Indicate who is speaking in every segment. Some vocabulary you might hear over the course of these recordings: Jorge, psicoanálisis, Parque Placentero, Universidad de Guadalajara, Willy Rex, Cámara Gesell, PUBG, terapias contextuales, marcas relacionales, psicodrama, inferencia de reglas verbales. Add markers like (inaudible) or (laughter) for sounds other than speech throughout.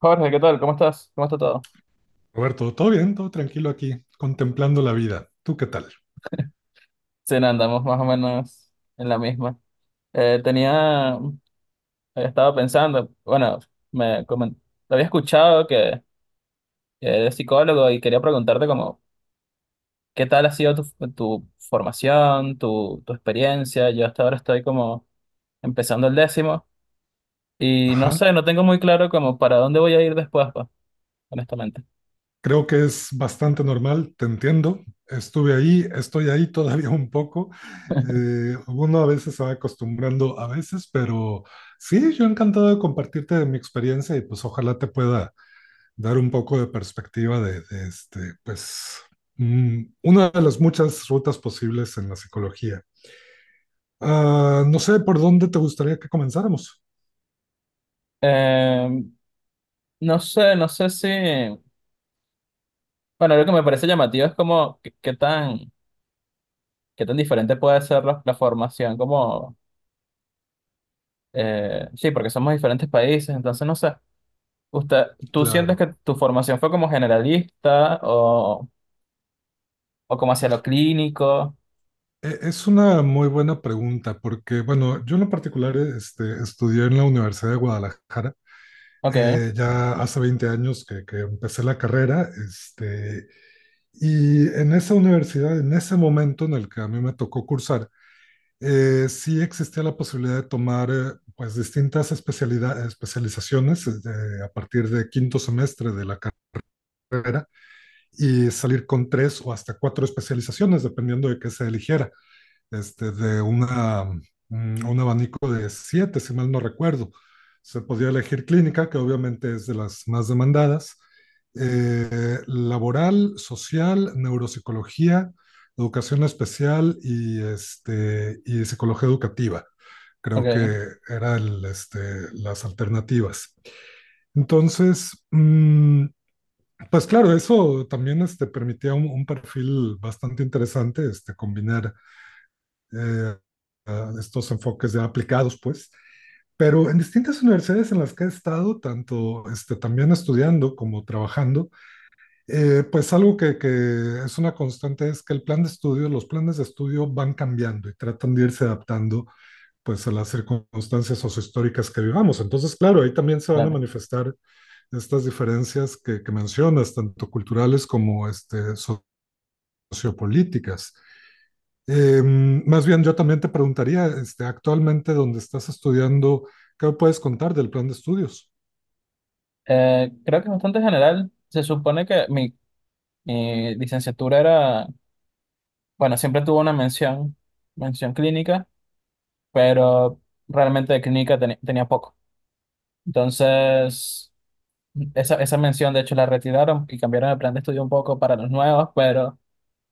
Speaker 1: Jorge, ¿qué tal? ¿Cómo estás? ¿Cómo está todo?
Speaker 2: Roberto, todo bien, todo tranquilo aquí, contemplando la vida. ¿Tú qué tal?
Speaker 1: Sí, no, andamos más o menos en la misma. Eh, tenía, estaba pensando, bueno, me comen- te había escuchado que eres psicólogo y quería preguntarte como, ¿qué tal ha sido tu formación, tu experiencia? Yo hasta ahora estoy como empezando el décimo y no
Speaker 2: Ajá,
Speaker 1: sé, no tengo muy claro como para dónde voy a ir después, pues, honestamente.
Speaker 2: creo que es bastante normal, te entiendo. Estuve ahí, estoy ahí (laughs) todavía un poco. Uno a veces se va acostumbrando, a veces, pero sí, yo encantado de compartirte mi experiencia y pues ojalá te pueda dar un poco de perspectiva de una de las muchas rutas posibles en la psicología. No sé por dónde te gustaría que comenzáramos.
Speaker 1: Eh, no sé si, bueno, lo que me parece llamativo es como, ¿ qué tan diferente puede ser la formación como, sí, porque somos diferentes países, entonces no sé, usted, ¿tú sientes
Speaker 2: Claro.
Speaker 1: que tu formación fue como generalista o como hacia lo clínico?
Speaker 2: Es una muy buena pregunta porque, bueno, yo en lo particular estudié en la Universidad de Guadalajara
Speaker 1: Ok,
Speaker 2: ya hace 20 años que empecé la carrera y en esa universidad, en ese momento en el que a mí me tocó cursar, sí existía la posibilidad de tomar pues distintas especialidades, especializaciones a partir de quinto semestre de la carrera y salir con tres o hasta cuatro especializaciones, dependiendo de qué se eligiera, de un abanico de siete, si mal no recuerdo. Se podía elegir clínica, que obviamente es de las más demandadas, laboral, social, neuropsicología, educación especial y psicología educativa. Creo
Speaker 1: ok,
Speaker 2: que eran las alternativas. Entonces, pues claro, eso también permitía un perfil bastante interesante, este, combinar eh, a estos enfoques ya aplicados, pues. Pero en distintas universidades en las que he estado, tanto también estudiando como trabajando, pues algo que es una constante es que el plan de estudio, los planes de estudio van cambiando y tratan de irse adaptando pues a las circunstancias sociohistóricas que vivamos. Entonces, claro, ahí también se van a
Speaker 1: dale.
Speaker 2: manifestar estas diferencias que mencionas, tanto culturales como sociopolíticas. Más bien, yo también te preguntaría, este, actualmente donde estás estudiando, ¿qué puedes contar del plan de estudios?
Speaker 1: Creo que es bastante general. Se supone que mi licenciatura era, bueno, siempre tuvo una mención, clínica, pero realmente de clínica tenía poco. Entonces. Esa mención, de hecho, la retiraron y cambiaron el plan de estudio un poco para los nuevos, pero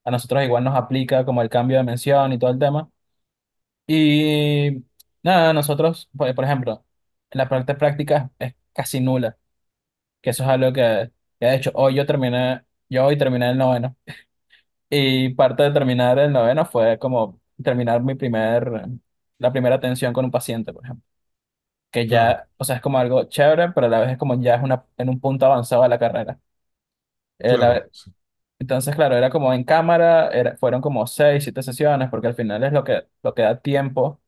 Speaker 1: a nosotros igual nos aplica como el cambio de mención y todo el tema. Y nada, nosotros, por ejemplo, la parte práctica es casi nula, que eso es algo que de hecho yo hoy terminé el noveno. Y parte de terminar el noveno fue como terminar la primera atención con un paciente, por ejemplo que
Speaker 2: Claro,
Speaker 1: ya, o sea, es como algo chévere, pero a la vez es como ya en un punto avanzado de la carrera. Eh, la-
Speaker 2: claro, sí.
Speaker 1: Entonces, claro, era como en cámara, fueron como seis, siete sesiones, porque al final es lo que da tiempo.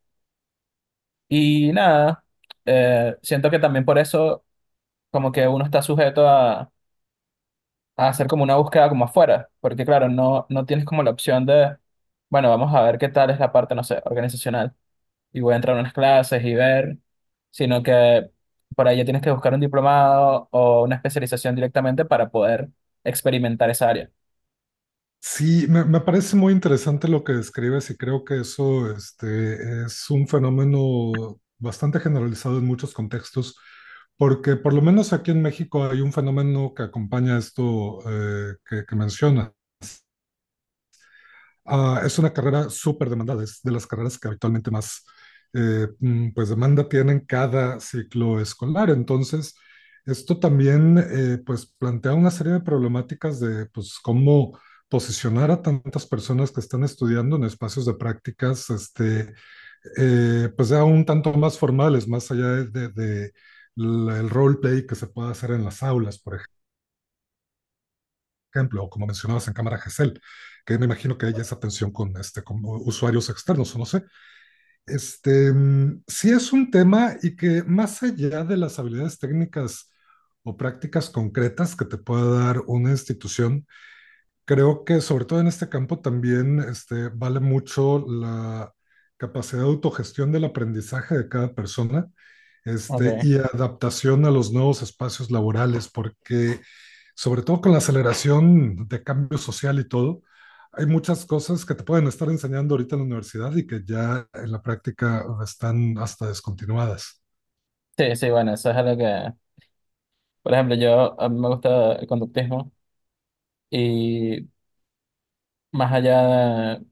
Speaker 1: Y nada, siento que también por eso como que uno está sujeto a, hacer como una búsqueda como afuera, porque claro, no, no tienes como la opción de, bueno, vamos a ver qué tal es la parte, no sé, organizacional, y voy a entrar a unas clases y ver, sino que por ahí ya tienes que buscar un diplomado o una especialización directamente para poder experimentar esa área.
Speaker 2: Sí, me parece muy interesante lo que describes y creo que eso este, es un fenómeno bastante generalizado en muchos contextos, porque por lo menos aquí en México hay un fenómeno que acompaña esto eh, que mencionas. Es una carrera súper demandada, es de las carreras que habitualmente más pues demanda tienen cada ciclo escolar. Entonces, esto también pues plantea una serie de problemáticas de pues cómo posicionar a tantas personas que están estudiando en espacios de prácticas, pues ya un tanto más formales, más allá de el role play que se puede hacer en las aulas, por ejemplo, o como mencionabas en Cámara Gesell, que me imagino que hay esa tensión con, este, con usuarios externos, o no sé. Sí es un tema y que más allá de las habilidades técnicas o prácticas concretas que te pueda dar una institución, creo que sobre todo en este campo también este, vale mucho la capacidad de autogestión del aprendizaje de cada persona.
Speaker 1: Ok.
Speaker 2: Este, y adaptación a los nuevos espacios laborales, porque sobre todo con la aceleración de cambio social y todo, hay muchas cosas que te pueden estar enseñando ahorita en la universidad y que ya en la práctica están hasta descontinuadas.
Speaker 1: Sí, sí, bueno, eso es algo que. Por ejemplo, yo a mí me gusta el conductismo y más allá de,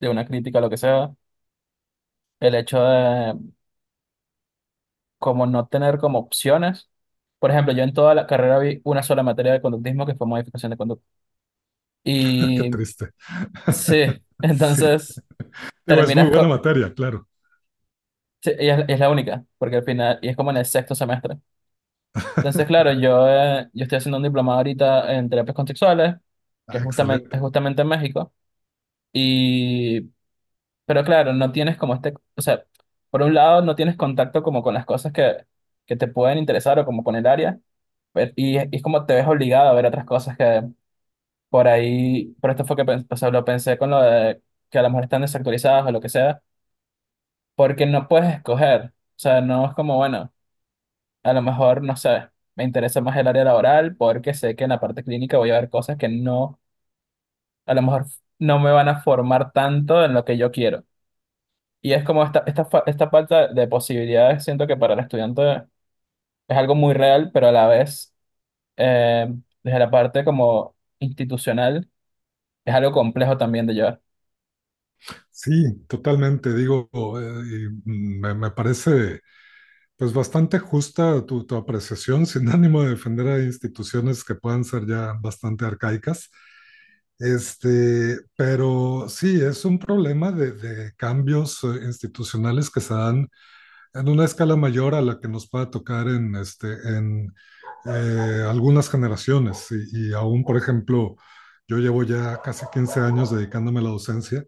Speaker 1: de una crítica, a lo que sea, el hecho de como no tener como opciones. Por ejemplo, yo en toda la carrera vi una sola materia de conductismo que fue modificación de conducta.
Speaker 2: (laughs) Qué
Speaker 1: Y
Speaker 2: triste.
Speaker 1: sí,
Speaker 2: (laughs)
Speaker 1: (laughs)
Speaker 2: Sí,
Speaker 1: entonces
Speaker 2: digo, es muy
Speaker 1: terminas
Speaker 2: buena
Speaker 1: co-
Speaker 2: materia, claro.
Speaker 1: sí, y es la única, porque al final, y es como en el sexto semestre. Entonces,
Speaker 2: (laughs)
Speaker 1: claro, yo estoy haciendo un diplomado ahorita en terapias contextuales, que
Speaker 2: Ah,
Speaker 1: es
Speaker 2: excelente.
Speaker 1: justamente en México. y Pero claro, no tienes como este, o sea, por un lado no tienes contacto como con las cosas que te pueden interesar o como con el área, y es como te ves obligado a ver otras cosas que por ahí, por esto fue o sea, lo pensé con lo de que a lo mejor están desactualizadas o lo que sea, porque no puedes escoger, o sea, no es como, bueno, a lo mejor, no sé, me interesa más el área laboral porque sé que en la parte clínica voy a ver cosas que no, a lo mejor no me van a formar tanto en lo que yo quiero. Y es como esta falta de posibilidades, siento que para el estudiante es algo muy real, pero a la vez, eh, desde la parte como institucional, es algo complejo también de llevar.
Speaker 2: Sí, totalmente. Digo, me parece pues bastante justa tu apreciación, (laughs) sin ánimo de defender a instituciones que puedan ser ya bastante arcaicas. Este, pero sí, es un problema de cambios institucionales que se dan en una escala mayor a la que nos pueda tocar en, algunas generaciones. Y aún, por ejemplo, yo llevo ya casi 15 años dedicándome a la docencia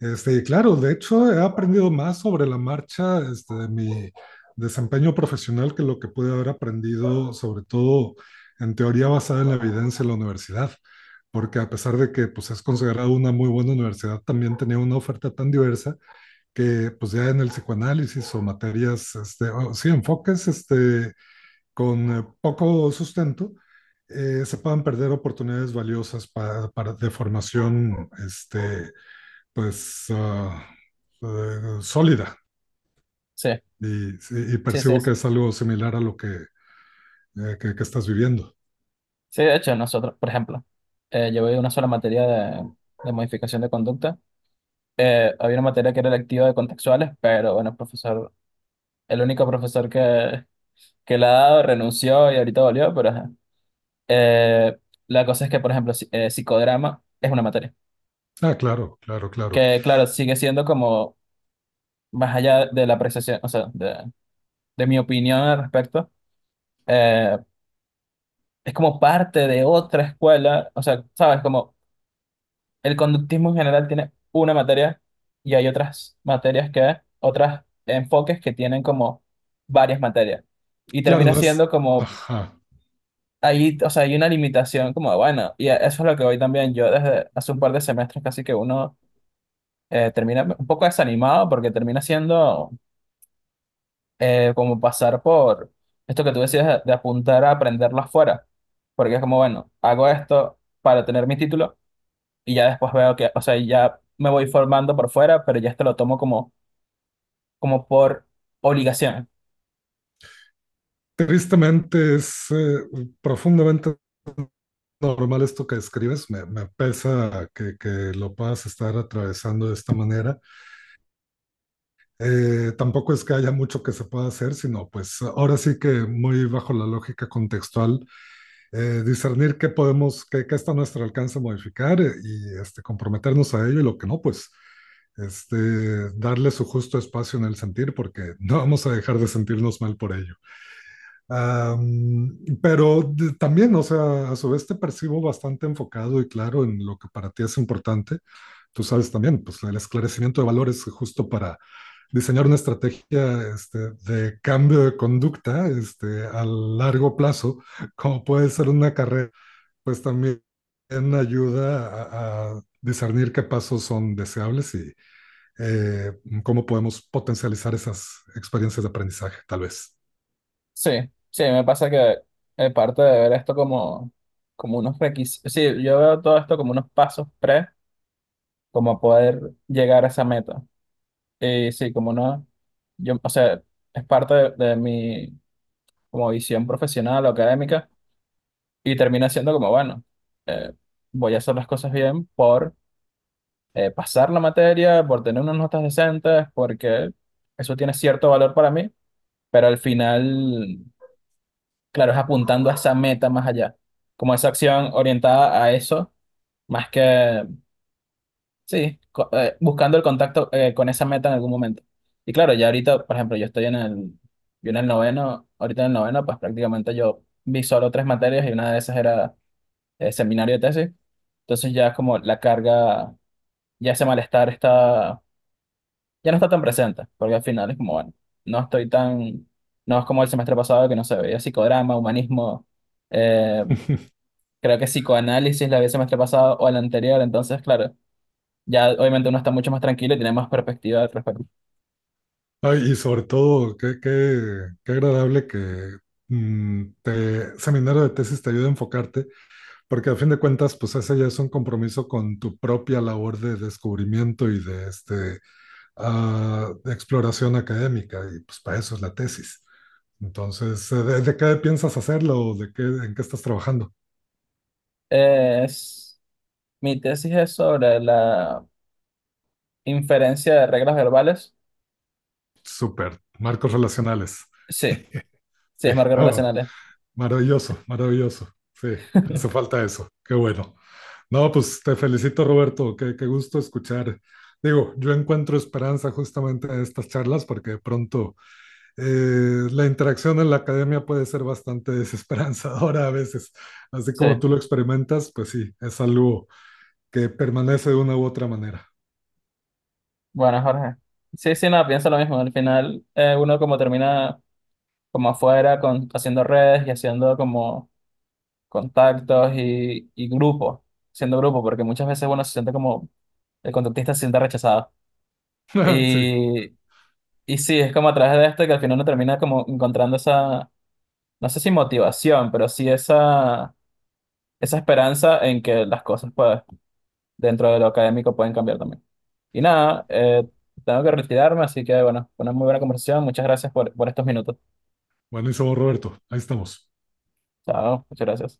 Speaker 2: y claro, de hecho he aprendido más sobre la marcha, este, de mi desempeño profesional que lo que pude haber aprendido, sobre todo en teoría basada en la evidencia en la universidad, porque a pesar de que pues, es considerada una muy buena universidad, también tenía una oferta tan diversa que pues ya en el psicoanálisis o materias, o, sí, enfoques con poco sustento, se puedan perder oportunidades valiosas de formación pues uh, sólida
Speaker 1: Sí,
Speaker 2: sí, y
Speaker 1: sí, sí.
Speaker 2: percibo
Speaker 1: Sí,
Speaker 2: que es algo similar a lo que que estás viviendo.
Speaker 1: sí, de hecho, nosotros, por ejemplo, llevé una sola materia de modificación de conducta. Había una materia que era electiva de contextuales, pero bueno, el único profesor que la ha dado renunció y ahorita volvió, pero ajá. Eh, la cosa es que, por ejemplo, psicodrama es una materia
Speaker 2: Ah, claro, claro, claro.
Speaker 1: que claro, sigue siendo como más allá de la apreciación, o sea, de mi opinión al respecto, eh, es como parte de otra escuela, o sea, sabes, como el conductismo en general tiene una materia y hay otras materias otros enfoques que tienen como varias materias. Y
Speaker 2: Claro,
Speaker 1: termina
Speaker 2: no es,
Speaker 1: siendo como,
Speaker 2: ajá.
Speaker 1: ahí, o sea, hay una limitación como, bueno, y eso es lo que hoy también yo desde hace un par de semestres casi que uno termina un poco desanimado porque termina siendo como pasar por esto que tú decías de apuntar a aprenderlo afuera, porque es como, bueno, hago esto para tener mi título y ya después veo que, o sea, ya me voy formando por fuera, pero ya esto lo tomo como, como por obligación.
Speaker 2: Tristemente es profundamente normal esto que describes, me pesa que lo puedas estar atravesando de esta manera. Tampoco es que haya mucho que se pueda hacer, sino pues ahora sí que muy bajo la lógica contextual discernir qué podemos, qué está a nuestro alcance modificar y comprometernos a ello y lo que no, pues darle su justo espacio en el sentir, porque (laughs) no vamos a dejar de sentirnos mal por ello. Pero también, o sea, a su vez te percibo bastante enfocado y claro en lo que para ti es importante. Tú sabes también, pues el esclarecimiento de valores justo para diseñar una estrategia de cambio de conducta a largo plazo, como puede ser una carrera pues también ayuda a discernir qué pasos son deseables y eh, cómo podemos potencializar esas experiencias de aprendizaje, tal vez.
Speaker 1: Sí, sí, me pasa que parte de ver esto como, como unos requisitos, sí, yo veo todo esto como unos pasos como poder llegar a esa meta. Y sí, como no, yo, o sea, es parte de mi como visión profesional o académica. Y termina siendo como, bueno, eh, voy a hacer las cosas bien por pasar la materia, por tener unas notas decentes, porque eso tiene cierto valor para mí, pero al final, claro, es apuntando a esa meta más allá, como esa acción orientada a eso, más que, sí, buscando el contacto con esa meta en algún momento. Y claro, ya ahorita, por ejemplo, yo en el noveno, ahorita en el noveno, pues prácticamente yo vi solo tres materias y una de esas era seminario de tesis. Entonces ya es como la carga ya ese malestar está, ya no está tan presente, porque al final es como, bueno, no estoy tan, no es como el semestre pasado que no se veía psicodrama, humanismo, eh,
Speaker 2: (laughs)
Speaker 1: creo que psicoanálisis la había el semestre pasado o el anterior, entonces claro, ya obviamente uno está mucho más tranquilo y tiene más perspectiva al respecto.
Speaker 2: Ay, y sobre todo, qué agradable que seminario de tesis te ayude a enfocarte, porque a fin de cuentas, pues ese ya es un compromiso con tu propia labor de descubrimiento y de exploración académica, y pues para eso es la tesis. Entonces, ¿ de qué piensas hacerlo? ¿De qué, en qué estás trabajando?
Speaker 1: Es, mi tesis es sobre la inferencia de reglas verbales.
Speaker 2: Súper, marcos relacionales.
Speaker 1: Sí,
Speaker 2: (laughs)
Speaker 1: sí,
Speaker 2: Sí,
Speaker 1: es marcas
Speaker 2: oh,
Speaker 1: relacionales.
Speaker 2: maravilloso, maravilloso. Sí, hace falta eso. Qué bueno. No, pues te felicito, Roberto. Qué gusto escuchar. Digo, yo encuentro esperanza justamente en estas charlas porque de pronto la interacción en la academia puede ser bastante desesperanzadora a veces. Así
Speaker 1: Sí,
Speaker 2: como tú lo experimentas, pues sí, es algo que permanece de una u otra manera.
Speaker 1: bueno, Jorge. Sí, sí, no, pienso lo mismo. Al final, uno como termina como afuera, haciendo redes y haciendo como contactos y grupos, siendo grupo, porque muchas veces uno se siente como, el contactista se siente rechazado.
Speaker 2: (laughs) Sí.
Speaker 1: Y, y, sí, es como a través de esto que al final uno termina como encontrando esa, no sé si motivación, pero sí esa esperanza en que las cosas pues, dentro de lo académico pueden cambiar también. Y nada, tengo que retirarme, así que bueno, fue una muy buena conversación. Muchas gracias por estos minutos.
Speaker 2: Buenísimo, Roberto. Ahí estamos.
Speaker 1: Chao, muchas gracias.